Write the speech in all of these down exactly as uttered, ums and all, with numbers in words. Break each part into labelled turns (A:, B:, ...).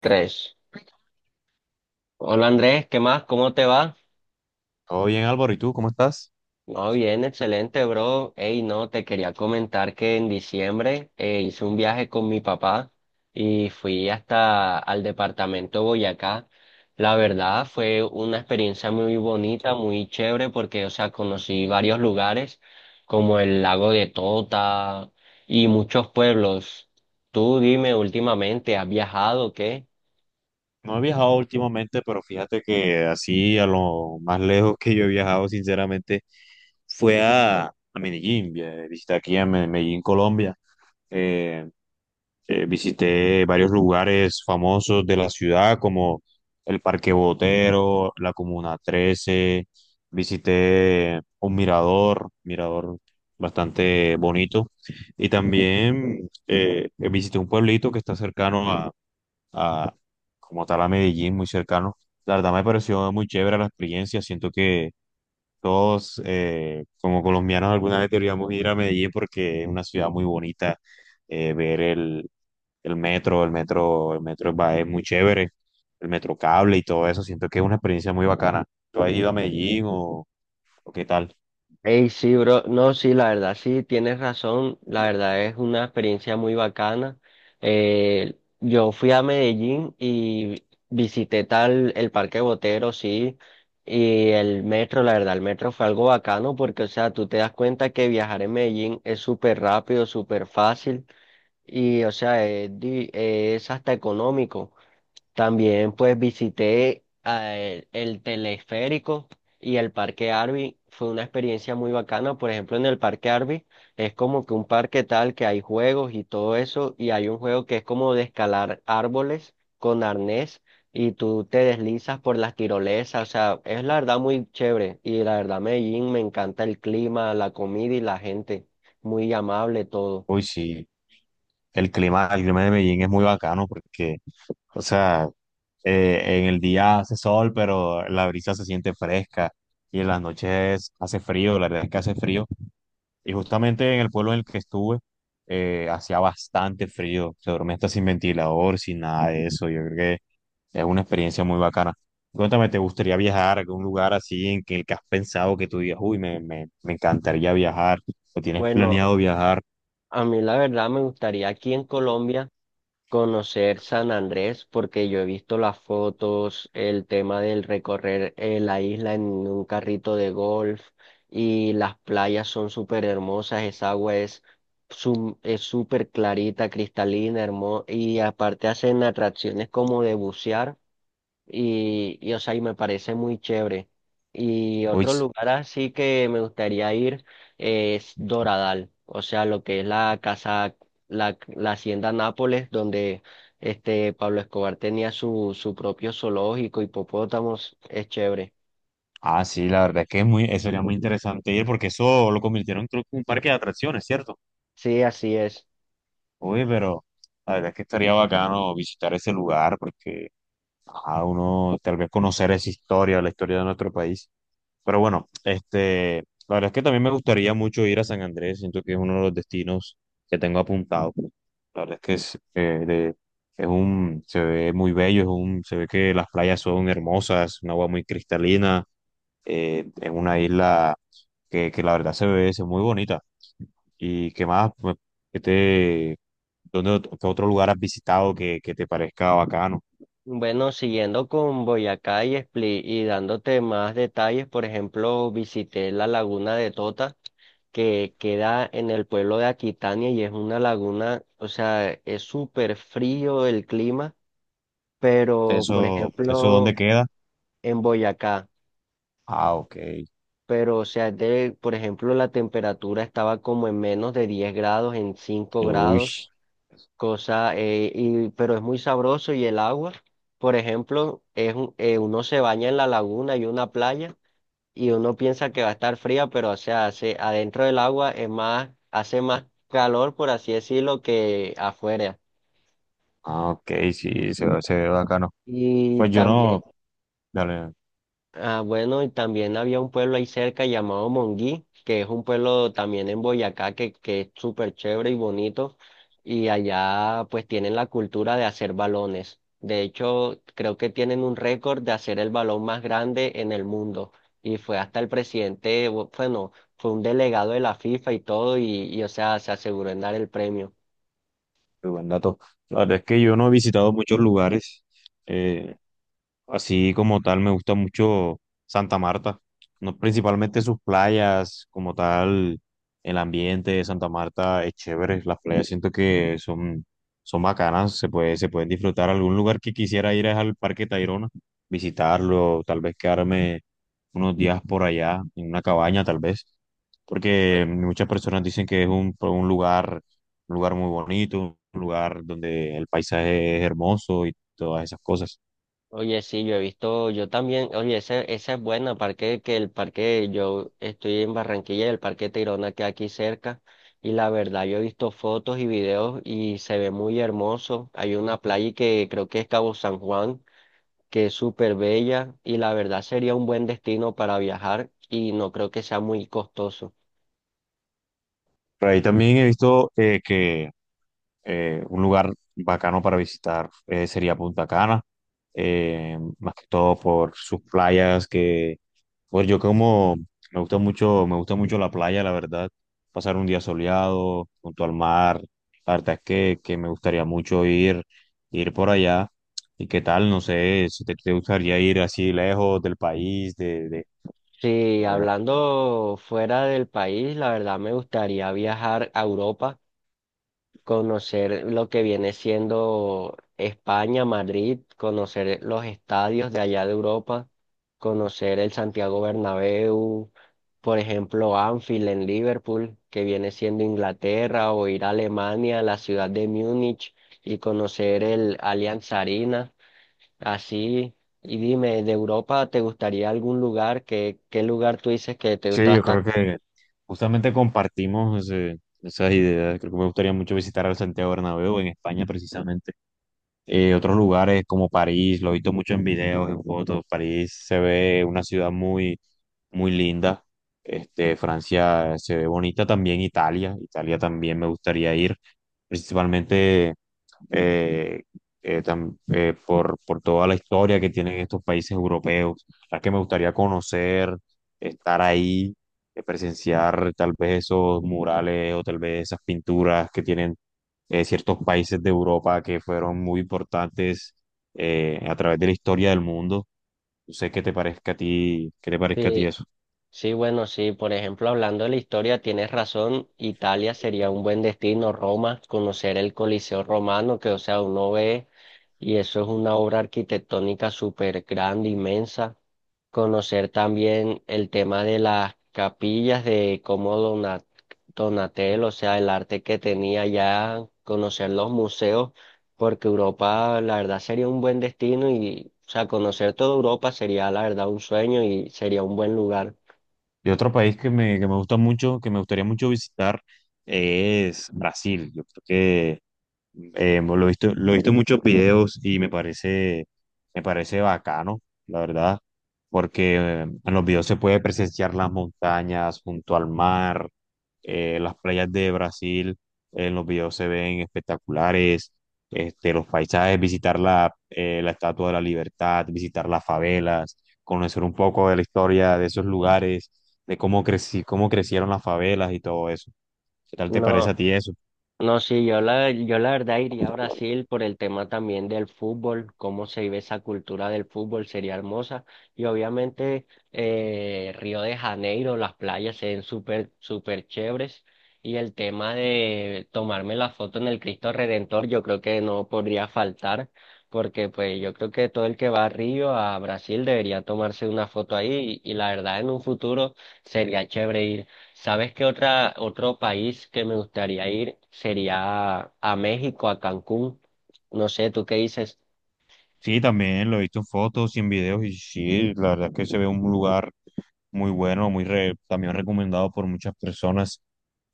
A: Tres. Hola Andrés, ¿qué más? ¿Cómo te va?
B: Todo bien, Álvaro, ¿y tú cómo estás?
A: No, bien, excelente, bro. Ey, no, te quería comentar que en diciembre eh, hice un viaje con mi papá y fui hasta al departamento Boyacá. La verdad fue una experiencia muy bonita, muy chévere, porque, o sea, conocí varios lugares como el lago de Tota y muchos pueblos. Tú dime, últimamente, ¿has viajado? ¿O qué?
B: No he viajado últimamente, pero fíjate que así a lo más lejos que yo he viajado, sinceramente, fue a, a Medellín. vi- Visité aquí a Me- Medellín, Colombia. Eh, eh, Visité varios lugares famosos de la ciudad, como el Parque Botero, la Comuna trece. Visité un mirador, mirador bastante bonito. Y también eh, visité un pueblito que está cercano a, como tal a Medellín, muy cercano. La verdad me pareció muy chévere la experiencia. Siento que todos, eh, como colombianos, alguna vez deberíamos ir a Medellín porque es una ciudad muy bonita. Eh, ver el, el metro, el metro, el metro va- es muy chévere. El metro cable y todo eso. Siento que es una experiencia muy bacana. ¿Tú has ido a Medellín o, o qué tal?
A: Ey, sí, bro. No, sí, la verdad, sí, tienes razón. La verdad es una experiencia muy bacana. Eh, yo fui a Medellín y visité tal el Parque Botero, sí, y el metro, la verdad, el metro fue algo bacano porque, o sea, tú te das cuenta que viajar en Medellín es súper rápido, súper fácil y, o sea, es, di- es hasta económico. También pues visité eh, el teleférico y el Parque Arby. Fue una experiencia muy bacana. Por ejemplo, en el Parque Arby es como que un parque tal que hay juegos y todo eso. Y hay un juego que es como de escalar árboles con arnés y tú te deslizas por las tirolesas. O sea, es la verdad muy chévere. Y la verdad, Medellín, me encanta el clima, la comida y la gente. Muy amable todo.
B: Uy, sí, el clima, el clima de Medellín es muy bacano porque, o sea, eh, en el día hace sol, pero la brisa se siente fresca y en las noches hace frío, la verdad es que hace frío. Y justamente en el pueblo en el que estuve, eh, hacía bastante frío, se dormía hasta sin ventilador, sin nada de eso. Yo creo que es una experiencia muy bacana. Cuéntame, ¿te gustaría viajar a algún lugar así en que, el que has pensado que tú digas, uy, me, me, me encantaría viajar o tienes
A: Bueno,
B: planeado viajar?
A: a mí la verdad me gustaría aquí en Colombia conocer San Andrés, porque yo he visto las fotos, el tema del recorrer eh, la isla en un carrito de golf, y las playas son súper hermosas, esa agua es sum- es súper clarita, cristalina, hermosa, y aparte hacen atracciones como de bucear y, y, o sea, y me parece muy chévere. Y
B: Uy.
A: otro lugar así que me gustaría ir es Doradal, o sea, lo que es la casa, la, la hacienda Nápoles, donde este Pablo Escobar tenía su, su propio zoológico, hipopótamos, es chévere.
B: Ah, sí, la verdad es que es muy, eso sería muy interesante ir porque eso lo convirtieron creo que en un parque de atracciones, ¿cierto?
A: Sí, así es.
B: Oye, pero la verdad es que estaría bacano visitar ese lugar porque a uno tal vez conocer esa historia, la historia de nuestro país. Pero bueno, este, la verdad es que también me gustaría mucho ir a San Andrés, siento que es uno de los destinos que tengo apuntado. La verdad es que es, eh, de- es un, se ve muy bello, es un, se ve que las playas son hermosas, un agua muy cristalina eh, en una isla que, que la verdad se ve, se ve muy bonita. ¿Y qué más? Pues, ¿qué te, dónde, ot- qué otro lugar has visitado que, que te parezca bacano?
A: Bueno, siguiendo con Boyacá y Split y dándote más detalles, por ejemplo, visité la laguna de Tota, que queda en el pueblo de Aquitania, y es una laguna, o sea, es súper frío el clima, pero por
B: ¿Eso, eso dónde
A: ejemplo
B: queda?
A: en Boyacá,
B: Ah, ok.
A: pero o sea, de, por ejemplo la temperatura estaba como en menos de diez grados, en cinco
B: Uy,
A: grados, cosa, eh, y, pero es muy sabroso y el agua, por ejemplo, es, un- eh, uno se baña en la laguna y una playa, y uno piensa que va a estar fría, pero o sea, hace, adentro del agua es más, hace más calor, por así decirlo, que afuera.
B: ah, ok, sí, se, ve- se ve bacano.
A: Y
B: Pues yo
A: también...
B: no, dale.
A: Ah, bueno, y también había un pueblo ahí cerca llamado Monguí, que es un pueblo también en Boyacá que, que es súper chévere y bonito. Y allá pues tienen la cultura de hacer balones. De hecho, creo que tienen un récord de hacer el balón más grande en el mundo. Y fue hasta el presidente, bu- bueno, fue un delegado de la FIFA y todo, y, y o sea, se aseguró en dar el premio.
B: Muy buen dato. La verdad es que yo no he visitado muchos lugares. eh, Así como tal, me gusta mucho Santa Marta. No, principalmente sus playas, como tal, el ambiente de Santa Marta es chévere. Las playas siento que son, son bacanas, se puede, se pueden disfrutar. Algún lugar que quisiera ir es al Parque Tayrona, visitarlo, tal vez quedarme unos días por allá, en una cabaña, tal vez. Porque muchas personas dicen que es un un lugar un lugar muy bonito, un lugar donde el paisaje es hermoso y todas esas cosas.
A: Oye, sí, yo he visto, yo también, oye, esa, esa es buena, parque, que el parque, yo estoy en Barranquilla y el parque Tayrona que aquí cerca, y la verdad, yo he visto fotos y videos y se ve muy hermoso. Hay una playa que creo que es Cabo San Juan, que es súper bella, y la verdad sería un buen destino para viajar, y no creo que sea muy costoso.
B: Por ahí también he visto eh, que eh, un lugar bacano para visitar eh, sería Punta Cana, eh, más que todo por sus playas, que pues yo como me gusta mucho, me gusta mucho la playa, la verdad, pasar un día soleado junto al mar, la verdad es que, que me gustaría mucho ir, ir por allá. ¿Y qué tal? No sé, si te, te gustaría ir así lejos del país, de,
A: Sí,
B: de,
A: hablando fuera del país, la verdad me gustaría viajar a Europa, conocer lo que viene siendo España, Madrid, conocer los estadios de allá de Europa, conocer el Santiago Bernabéu, por ejemplo, Anfield en Liverpool, que viene siendo Inglaterra, o ir a Alemania, a la ciudad de Múnich y conocer el Allianz Arena, así. Y dime, ¿de Europa te gustaría algún lugar? ¿Qué, qué lugar tú dices que te gusta
B: Sí, yo
A: bastante?
B: creo que justamente compartimos ese- esas ideas. Creo que me gustaría mucho visitar al Santiago Bernabéu en España precisamente. Eh, otros lugares como París, lo he visto mucho en videos, en fotos. París se ve una ciudad muy, muy linda. Este, Francia se ve bonita también, Italia. Italia también me gustaría ir, principalmente eh, eh, tam- eh, por, por toda la historia que tienen estos países europeos, las que me gustaría conocer, estar ahí, eh, presenciar tal vez esos murales o tal vez esas pinturas que tienen eh, ciertos países de Europa que fueron muy importantes eh, a través de la historia del mundo. No sé qué te parezca a ti, qué te parezca a ti eso.
A: Sí, bueno, sí, por ejemplo, hablando de la historia, tienes razón, Italia sería un buen destino, Roma, conocer el Coliseo romano, que o sea, uno ve y eso es una obra arquitectónica súper grande, inmensa. Conocer también el tema de las capillas, de cómo Dona- Donatello, o sea, el arte que tenía ya, conocer los museos, porque Europa, la verdad, sería un buen destino y, o sea, conocer toda Europa sería, la verdad, un sueño y sería un buen lugar.
B: Y otro país que me, que me gusta mucho, que me gustaría mucho visitar, es Brasil. Yo creo. Eh, lo he visto, lo he visto en muchos videos y me parece, me parece bacano, la verdad, porque eh, en los videos se puede presenciar las montañas junto al mar, eh, las playas de Brasil, eh, en los videos se ven espectaculares, este, los paisajes, visitar la, eh, la Estatua de la Libertad, visitar las favelas, conocer un poco de la historia de esos lugares, de cómo creci- cómo crecieron las favelas y todo eso. ¿Qué tal te parece a
A: No,
B: ti eso?
A: no, sí, yo la, yo la verdad iría a Brasil por el tema también del fútbol, cómo se vive esa cultura del fútbol, sería hermosa. Y obviamente eh, Río de Janeiro, las playas se ven súper, súper chéveres. Y el tema de tomarme la foto en el Cristo Redentor, yo creo que no podría faltar, porque pues yo creo que todo el que va a Río, a Brasil, debería tomarse una foto ahí. Y, y la verdad, en un futuro sería chévere ir. ¿Sabes qué otra, otro país que me gustaría ir sería a México, a Cancún? No sé, ¿tú qué dices?
B: Sí, también lo he visto en fotos y en videos y sí, la verdad es que se ve un lugar muy bueno, muy re- también recomendado por muchas personas,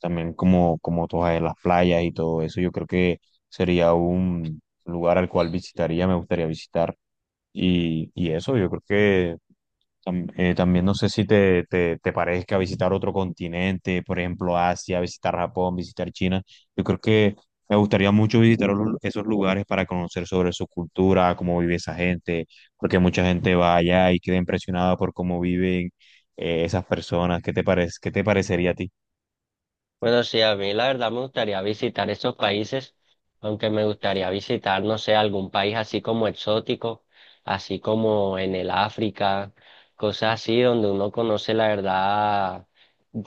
B: también como, como todas las playas y todo eso, yo creo que sería un lugar al cual visitaría, me gustaría visitar y, y eso, yo creo que tam- eh, también no sé si te, te, te parezca visitar otro continente, por ejemplo Asia, visitar Japón, visitar China. Yo creo que me gustaría mucho visitar olu- esos lugares para conocer sobre su cultura, cómo vive esa gente, porque mucha gente va allá y queda impresionada por cómo viven eh, esas personas. ¿Qué te parece? ¿Qué te parecería a ti?
A: Bueno, sí, a mí la verdad me gustaría visitar esos países, aunque me gustaría visitar, no sé, algún país así como exótico, así como en el África, cosas así donde uno conoce la verdad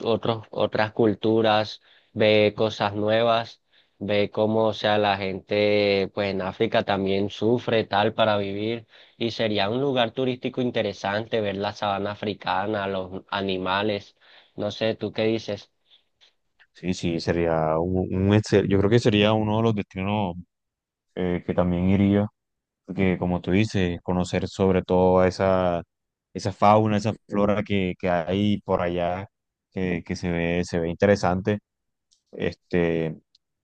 A: otros, otras culturas, ve cosas nuevas, ve cómo, o sea, la gente, pues en África también sufre tal para vivir, y sería un lugar turístico interesante ver la sabana africana, los animales, no sé, ¿tú qué dices?
B: Sí, sí, sería un, un excel- yo creo que sería uno de los destinos eh, que también iría, porque como tú dices, conocer sobre todo a esa, esa fauna, esa flora que, que hay por allá, que, que se ve, se ve interesante. Este,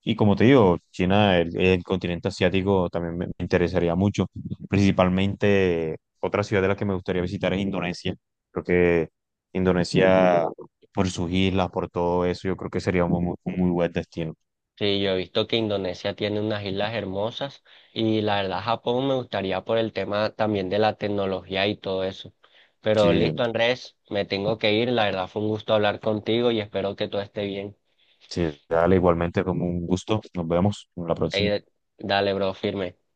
B: y como te digo, China, el, el continente asiático también me, me interesaría mucho. Principalmente, otra ciudad de la que me gustaría visitar es Indonesia. Creo que Indonesia, por sus islas, por todo eso, yo creo que sería un, muy un muy buen destino.
A: Sí, yo he visto que Indonesia tiene unas islas hermosas y la verdad Japón me gustaría por el tema también de la tecnología y todo eso. Pero listo,
B: Sí,
A: Andrés, me tengo que ir. La verdad fue un gusto hablar contigo y espero que todo esté bien.
B: sí, dale, igualmente como un gusto. Nos vemos en la próxima.
A: Ey, dale, bro, firme.